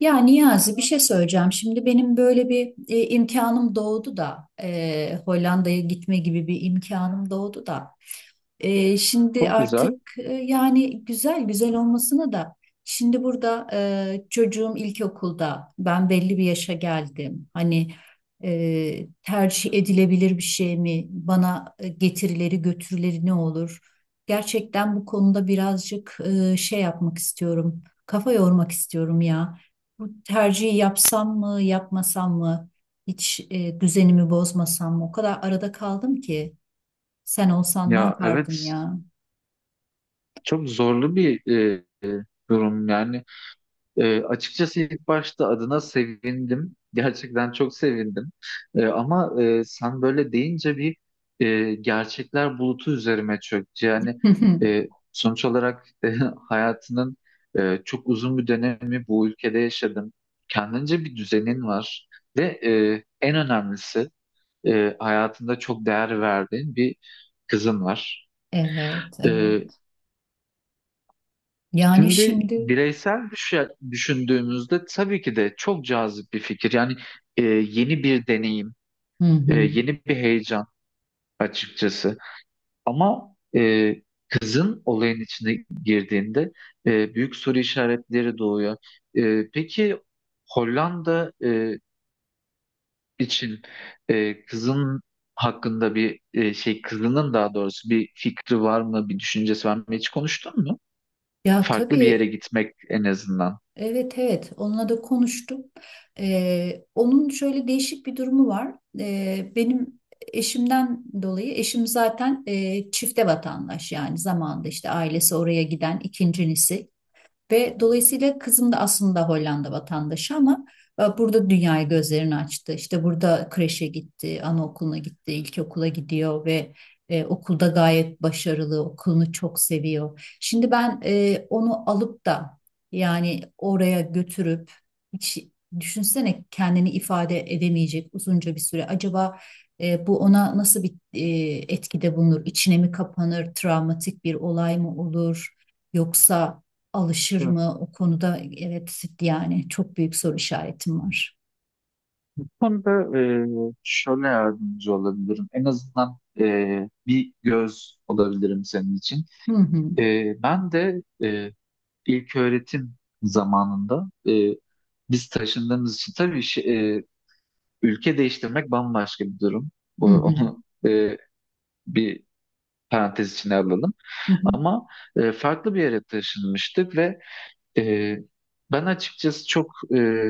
Ya Niyazi bir şey söyleyeceğim. Şimdi benim böyle bir imkanım doğdu da Hollanda'ya gitme gibi bir imkanım doğdu da şimdi Çok güzel. artık yani güzel güzel olmasına da şimdi burada çocuğum ilkokulda ben belli bir yaşa geldim. Hani tercih edilebilir bir şey mi? Bana getirileri götürüleri ne olur? Gerçekten bu konuda birazcık şey yapmak istiyorum. Kafa yormak istiyorum ya. Bu tercihi yapsam mı, yapmasam mı? Hiç düzenimi bozmasam mı? O kadar arada kaldım ki. Sen olsan ne Ya yapardın evet, ya? çok zorlu bir durum yani. Açıkçası ilk başta adına sevindim. Gerçekten çok sevindim. Ama sen böyle deyince bir gerçekler bulutu üzerime çöktü. Yani sonuç olarak hayatının çok uzun bir dönemi bu ülkede yaşadın. Kendince bir düzenin var. Ve en önemlisi hayatında çok değer verdiğin bir kızın var. Evet, E, evet. Yani Şimdi şimdi. bireysel düşündüğümüzde tabii ki de çok cazip bir fikir. Yani yeni bir deneyim, Hı hı. yeni bir heyecan açıkçası. Ama kızın olayın içine girdiğinde büyük soru işaretleri doğuyor. Peki Hollanda için kızın hakkında bir kızının daha doğrusu bir fikri var mı, bir düşüncesi var mı? Hiç konuştun mu? Ya Farklı bir yere tabii, gitmek en azından. evet, evet, onunla da konuştum. Onun şöyle değişik bir durumu var. Benim eşimden dolayı eşim zaten çifte vatandaş, yani zamanında işte ailesi oraya giden ikincisi. Ve dolayısıyla kızım da aslında Hollanda vatandaşı ama burada dünyaya gözlerini açtı. İşte burada kreşe gitti, anaokuluna gitti, ilkokula gidiyor ve okulda gayet başarılı, okulunu çok seviyor. Şimdi ben onu alıp da yani oraya götürüp hiç, düşünsene, kendini ifade edemeyecek uzunca bir süre. Acaba bu ona nasıl bir etkide bulunur? İçine mi kapanır? Travmatik bir olay mı olur? Yoksa alışır mı o konuda? Evet yani çok büyük soru işaretim var. Konuda şöyle yardımcı olabilirim. En azından bir göz olabilirim senin için. Hı hı. Ben de ilk öğretim zamanında biz taşındığımız için tabii ülke değiştirmek bambaşka bir durum. Bu, Hı hı. onu bir parantez içine alalım. Hı hı. Ama farklı bir yere taşınmıştık ve e, ben açıkçası çok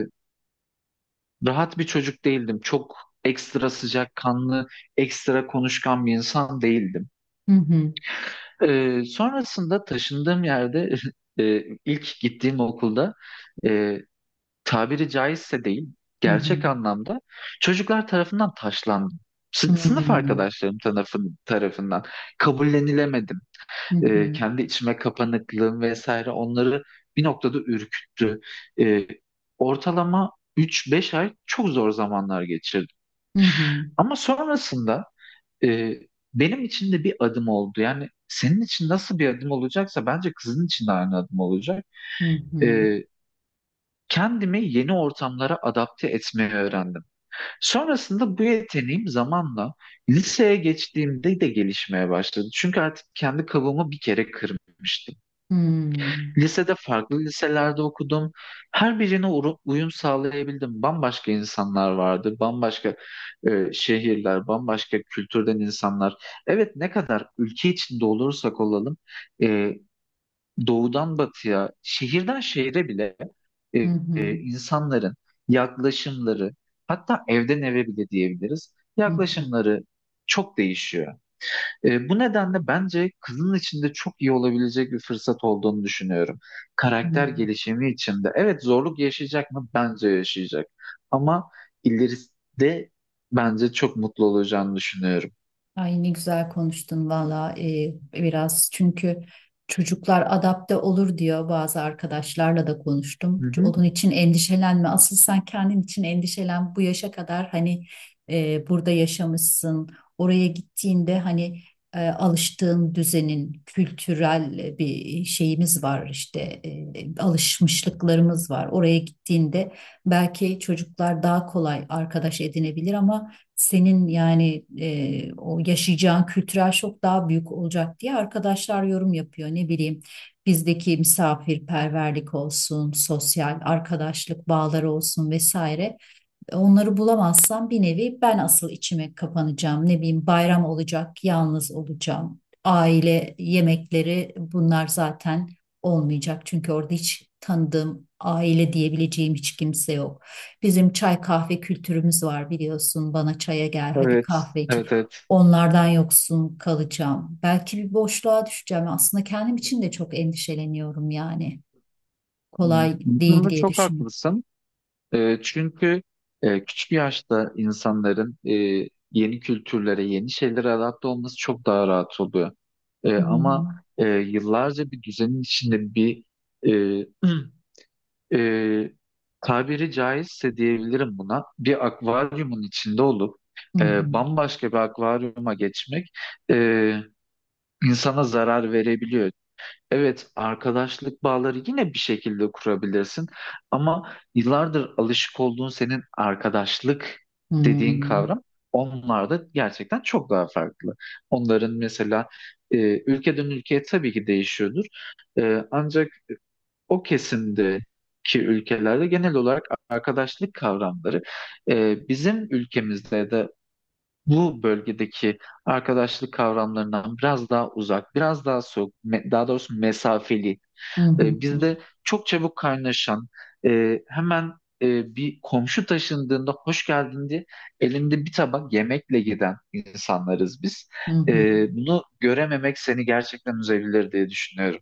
rahat bir çocuk değildim. Çok ekstra sıcakkanlı, ekstra konuşkan bir insan değildim. Hı hı. Sonrasında taşındığım yerde ilk gittiğim okulda e, tabiri caizse değil, Hı hı. gerçek anlamda çocuklar tarafından taşlandım. Hı hı. Sınıf arkadaşlarım tarafından kabullenilemedim. Hı hı. Kendi içime kapanıklığım vesaire onları bir noktada ürküttü. Ee, Ortalama üç-beş ay çok zor zamanlar geçirdim. Hı hı. Ama sonrasında e, benim için de bir adım oldu. Yani senin için nasıl bir adım olacaksa bence kızın için de aynı adım olacak. Hı hı. E, Kendimi yeni ortamlara adapte etmeyi öğrendim. Sonrasında bu yeteneğim zamanla liseye geçtiğimde de gelişmeye başladı. Çünkü artık kendi kabuğumu bir kere kırmıştım. Lisede farklı liselerde okudum. Her birine uyum sağlayabildim. Bambaşka insanlar vardı, bambaşka şehirler, bambaşka kültürden insanlar. Evet, ne kadar ülke içinde olursak olalım, e, doğudan batıya, şehirden şehire bile Hı hı. insanların yaklaşımları, hatta evden eve bile diyebiliriz, Hı hı. Hı hı. yaklaşımları çok değişiyor. Bu nedenle bence kızın içinde çok iyi olabilecek bir fırsat olduğunu düşünüyorum. Karakter gelişimi içinde. Evet, zorluk yaşayacak mı? Bence yaşayacak. Ama ileride bence çok mutlu olacağını düşünüyorum. Ay ne güzel konuştun valla. Biraz, çünkü çocuklar adapte olur diyor bazı arkadaşlarla da konuştum. Hı hı. Onun için endişelenme, asıl sen kendin için endişelen bu yaşa kadar. Hani burada yaşamışsın, oraya gittiğinde, hani alıştığın düzenin kültürel bir şeyimiz var işte, alışmışlıklarımız var. Oraya gittiğinde belki çocuklar daha kolay arkadaş edinebilir ama senin yani o yaşayacağın kültürel şok daha büyük olacak diye arkadaşlar yorum yapıyor. Ne bileyim, bizdeki misafirperverlik olsun, sosyal arkadaşlık bağları olsun vesaire. Onları bulamazsam bir nevi ben asıl içime kapanacağım. Ne bileyim, bayram olacak, yalnız olacağım. Aile yemekleri bunlar zaten olmayacak. Çünkü orada hiç tanıdığım, aile diyebileceğim hiç kimse yok. Bizim çay kahve kültürümüz var, biliyorsun. Bana çaya gel, hadi Evet. kahve için. Evet, evet. Onlardan yoksun kalacağım. Belki bir boşluğa düşeceğim. Aslında kendim için de çok endişeleniyorum yani. Kolay Bu değil konuda diye çok düşünüyorum. haklısın. Çünkü küçük yaşta insanların yeni kültürlere, yeni şeylere adapte olması çok daha rahat oluyor. Hı hı. Ama yıllarca bir düzenin içinde bir e, e, tabiri caizse diyebilirim buna bir akvaryumun içinde olup Hı bambaşka bir akvaryuma geçmek e, insana zarar verebiliyor. Evet, arkadaşlık bağları yine bir şekilde kurabilirsin ama yıllardır alışık olduğun senin arkadaşlık hı. dediğin Hı. kavram onlar da gerçekten çok daha farklı. Onların mesela ülkeden ülkeye tabii ki değişiyordur. Ancak o kesimdeki ülkelerde genel olarak arkadaşlık kavramları bizim ülkemizde de bu bölgedeki arkadaşlık kavramlarından biraz daha uzak, biraz daha soğuk, daha doğrusu mesafeli, Hı hı hı bizde çok çabuk kaynaşan, hemen bir komşu taşındığında hoş geldin diye elinde bir tabak yemekle giden insanlarız biz. hı. E, Hı. Bunu görememek seni gerçekten üzebilir diye düşünüyorum.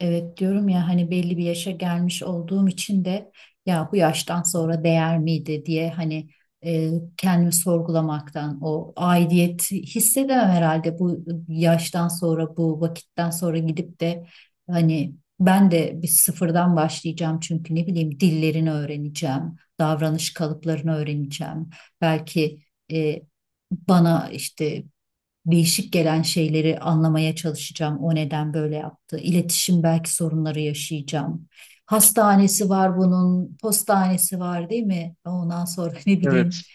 Evet diyorum ya, hani belli bir yaşa gelmiş olduğum için de, ya bu yaştan sonra değer miydi diye, hani e, kendimi sorgulamaktan. O aidiyet hissedemem herhalde bu yaştan sonra, bu vakitten sonra gidip de, hani ben de bir sıfırdan başlayacağım. Çünkü ne bileyim, dillerini öğreneceğim, davranış kalıplarını öğreneceğim. Belki e, bana işte değişik gelen şeyleri anlamaya çalışacağım. O neden böyle yaptı? İletişim belki sorunları yaşayacağım. Hastanesi var bunun, postanesi var, değil mi? Ondan sonra ne bileyim, Evet,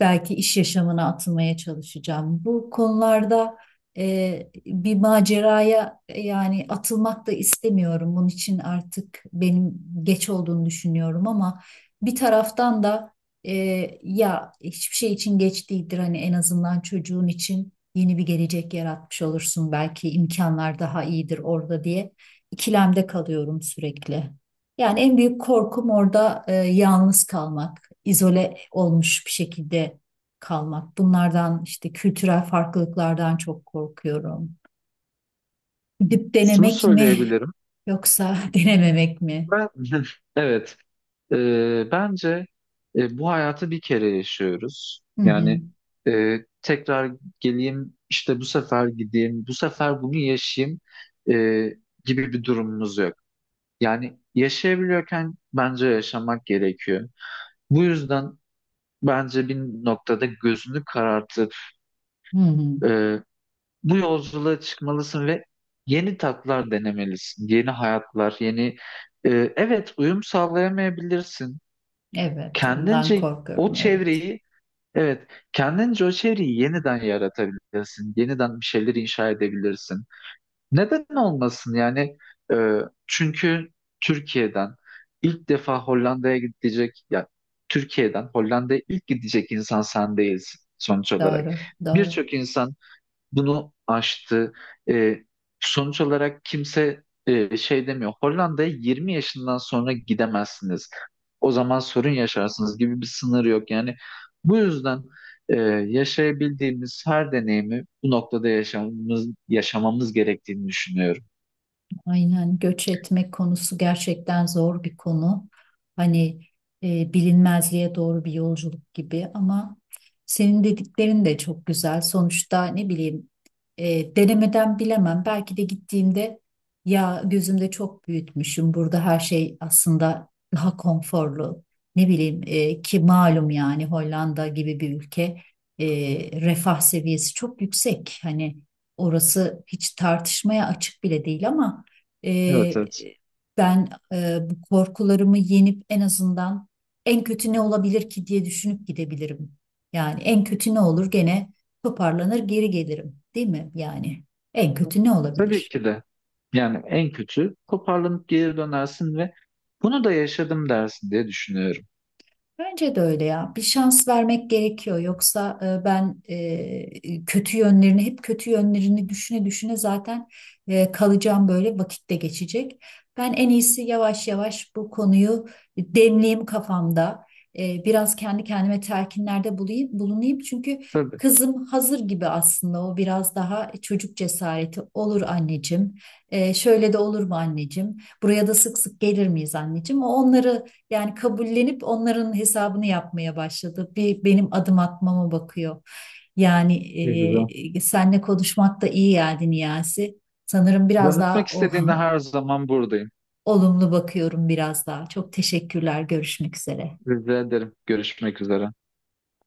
belki iş yaşamına atılmaya çalışacağım. Bu konularda bir maceraya yani atılmak da istemiyorum. Bunun için artık benim geç olduğunu düşünüyorum ama bir taraftan da e, ya hiçbir şey için geç değildir. Hani en azından çocuğun için yeni bir gelecek yaratmış olursun. Belki imkanlar daha iyidir orada diye ikilemde kalıyorum sürekli. Yani en büyük korkum orada yalnız kalmak, izole olmuş bir şekilde kalmak. Bunlardan, işte kültürel farklılıklardan çok korkuyorum. Gidip şunu denemek mi söyleyebilirim. yoksa denememek mi? Ben evet. Bence bu hayatı bir kere yaşıyoruz. Hı hı. Yani e, tekrar geleyim, işte bu sefer gideyim, bu sefer bunu yaşayayım e, gibi bir durumumuz yok. Yani yaşayabiliyorken bence yaşamak gerekiyor. Bu yüzden bence bir noktada gözünü karartıp Hı hı. e, bu yolculuğa çıkmalısın ve yeni tatlar denemelisin, yeni hayatlar, yeni... E, evet, uyum sağlayamayabilirsin. Evet, ondan Kendince o korkuyorum. Evet, çevreyi evet, kendince o çevreyi yeniden yaratabilirsin, yeniden bir şeyler inşa edebilirsin. Neden olmasın yani? Ee, Çünkü Türkiye'den ilk defa Hollanda'ya gidecek, ya Türkiye'den Hollanda'ya ilk gidecek insan sen değilsin sonuç olarak. doğru, doğru. Birçok insan bunu aştı. E, Sonuç olarak kimse şey demiyor. Hollanda'ya 20 yaşından sonra gidemezsiniz. O zaman sorun yaşarsınız gibi bir sınır yok. Yani bu yüzden e, yaşayabildiğimiz her deneyimi bu noktada yaşamamız gerektiğini düşünüyorum. Aynen, göç etmek konusu gerçekten zor bir konu. Hani bilinmezliğe doğru bir yolculuk gibi ama senin dediklerin de çok güzel. Sonuçta ne bileyim, denemeden bilemem. Belki de gittiğimde, ya, gözümde çok büyütmüşüm. Burada her şey aslında daha konforlu. Ne bileyim, ki malum yani Hollanda gibi bir ülke, e, refah seviyesi çok yüksek. Hani orası hiç tartışmaya açık bile değil ama Evet, ee, evet. ben bu korkularımı yenip en azından, en kötü ne olabilir ki diye düşünüp gidebilirim. Yani en kötü ne olur, gene toparlanır geri gelirim, değil mi? Yani en kötü ne Tabii olabilir? ki de. Yani en kötü toparlanıp geri dönersin ve bunu da yaşadım dersin diye düşünüyorum. Bence de öyle ya. Bir şans vermek gerekiyor. Yoksa ben kötü yönlerini, hep kötü yönlerini düşüne düşüne zaten kalacağım böyle, vakitte geçecek. Ben en iyisi yavaş yavaş bu konuyu demleyeyim kafamda. Biraz kendi kendime telkinlerde bulayım, bulunayım. Çünkü Tabii. kızım hazır gibi aslında. O biraz daha çocuk cesareti olur. "Anneciğim, şöyle de olur mu anneciğim? Buraya da sık sık gelir miyiz anneciğim?" O onları yani kabullenip, onların hesabını yapmaya başladı. Bir benim adım atmama bakıyor. Yani Ne güzel. Seninle konuşmak da iyi geldi Niyazi. Sanırım biraz Danışmak daha istediğinde her zaman buradayım. olumlu bakıyorum biraz daha. Çok teşekkürler. Görüşmek üzere. Rica ederim. Görüşmek üzere.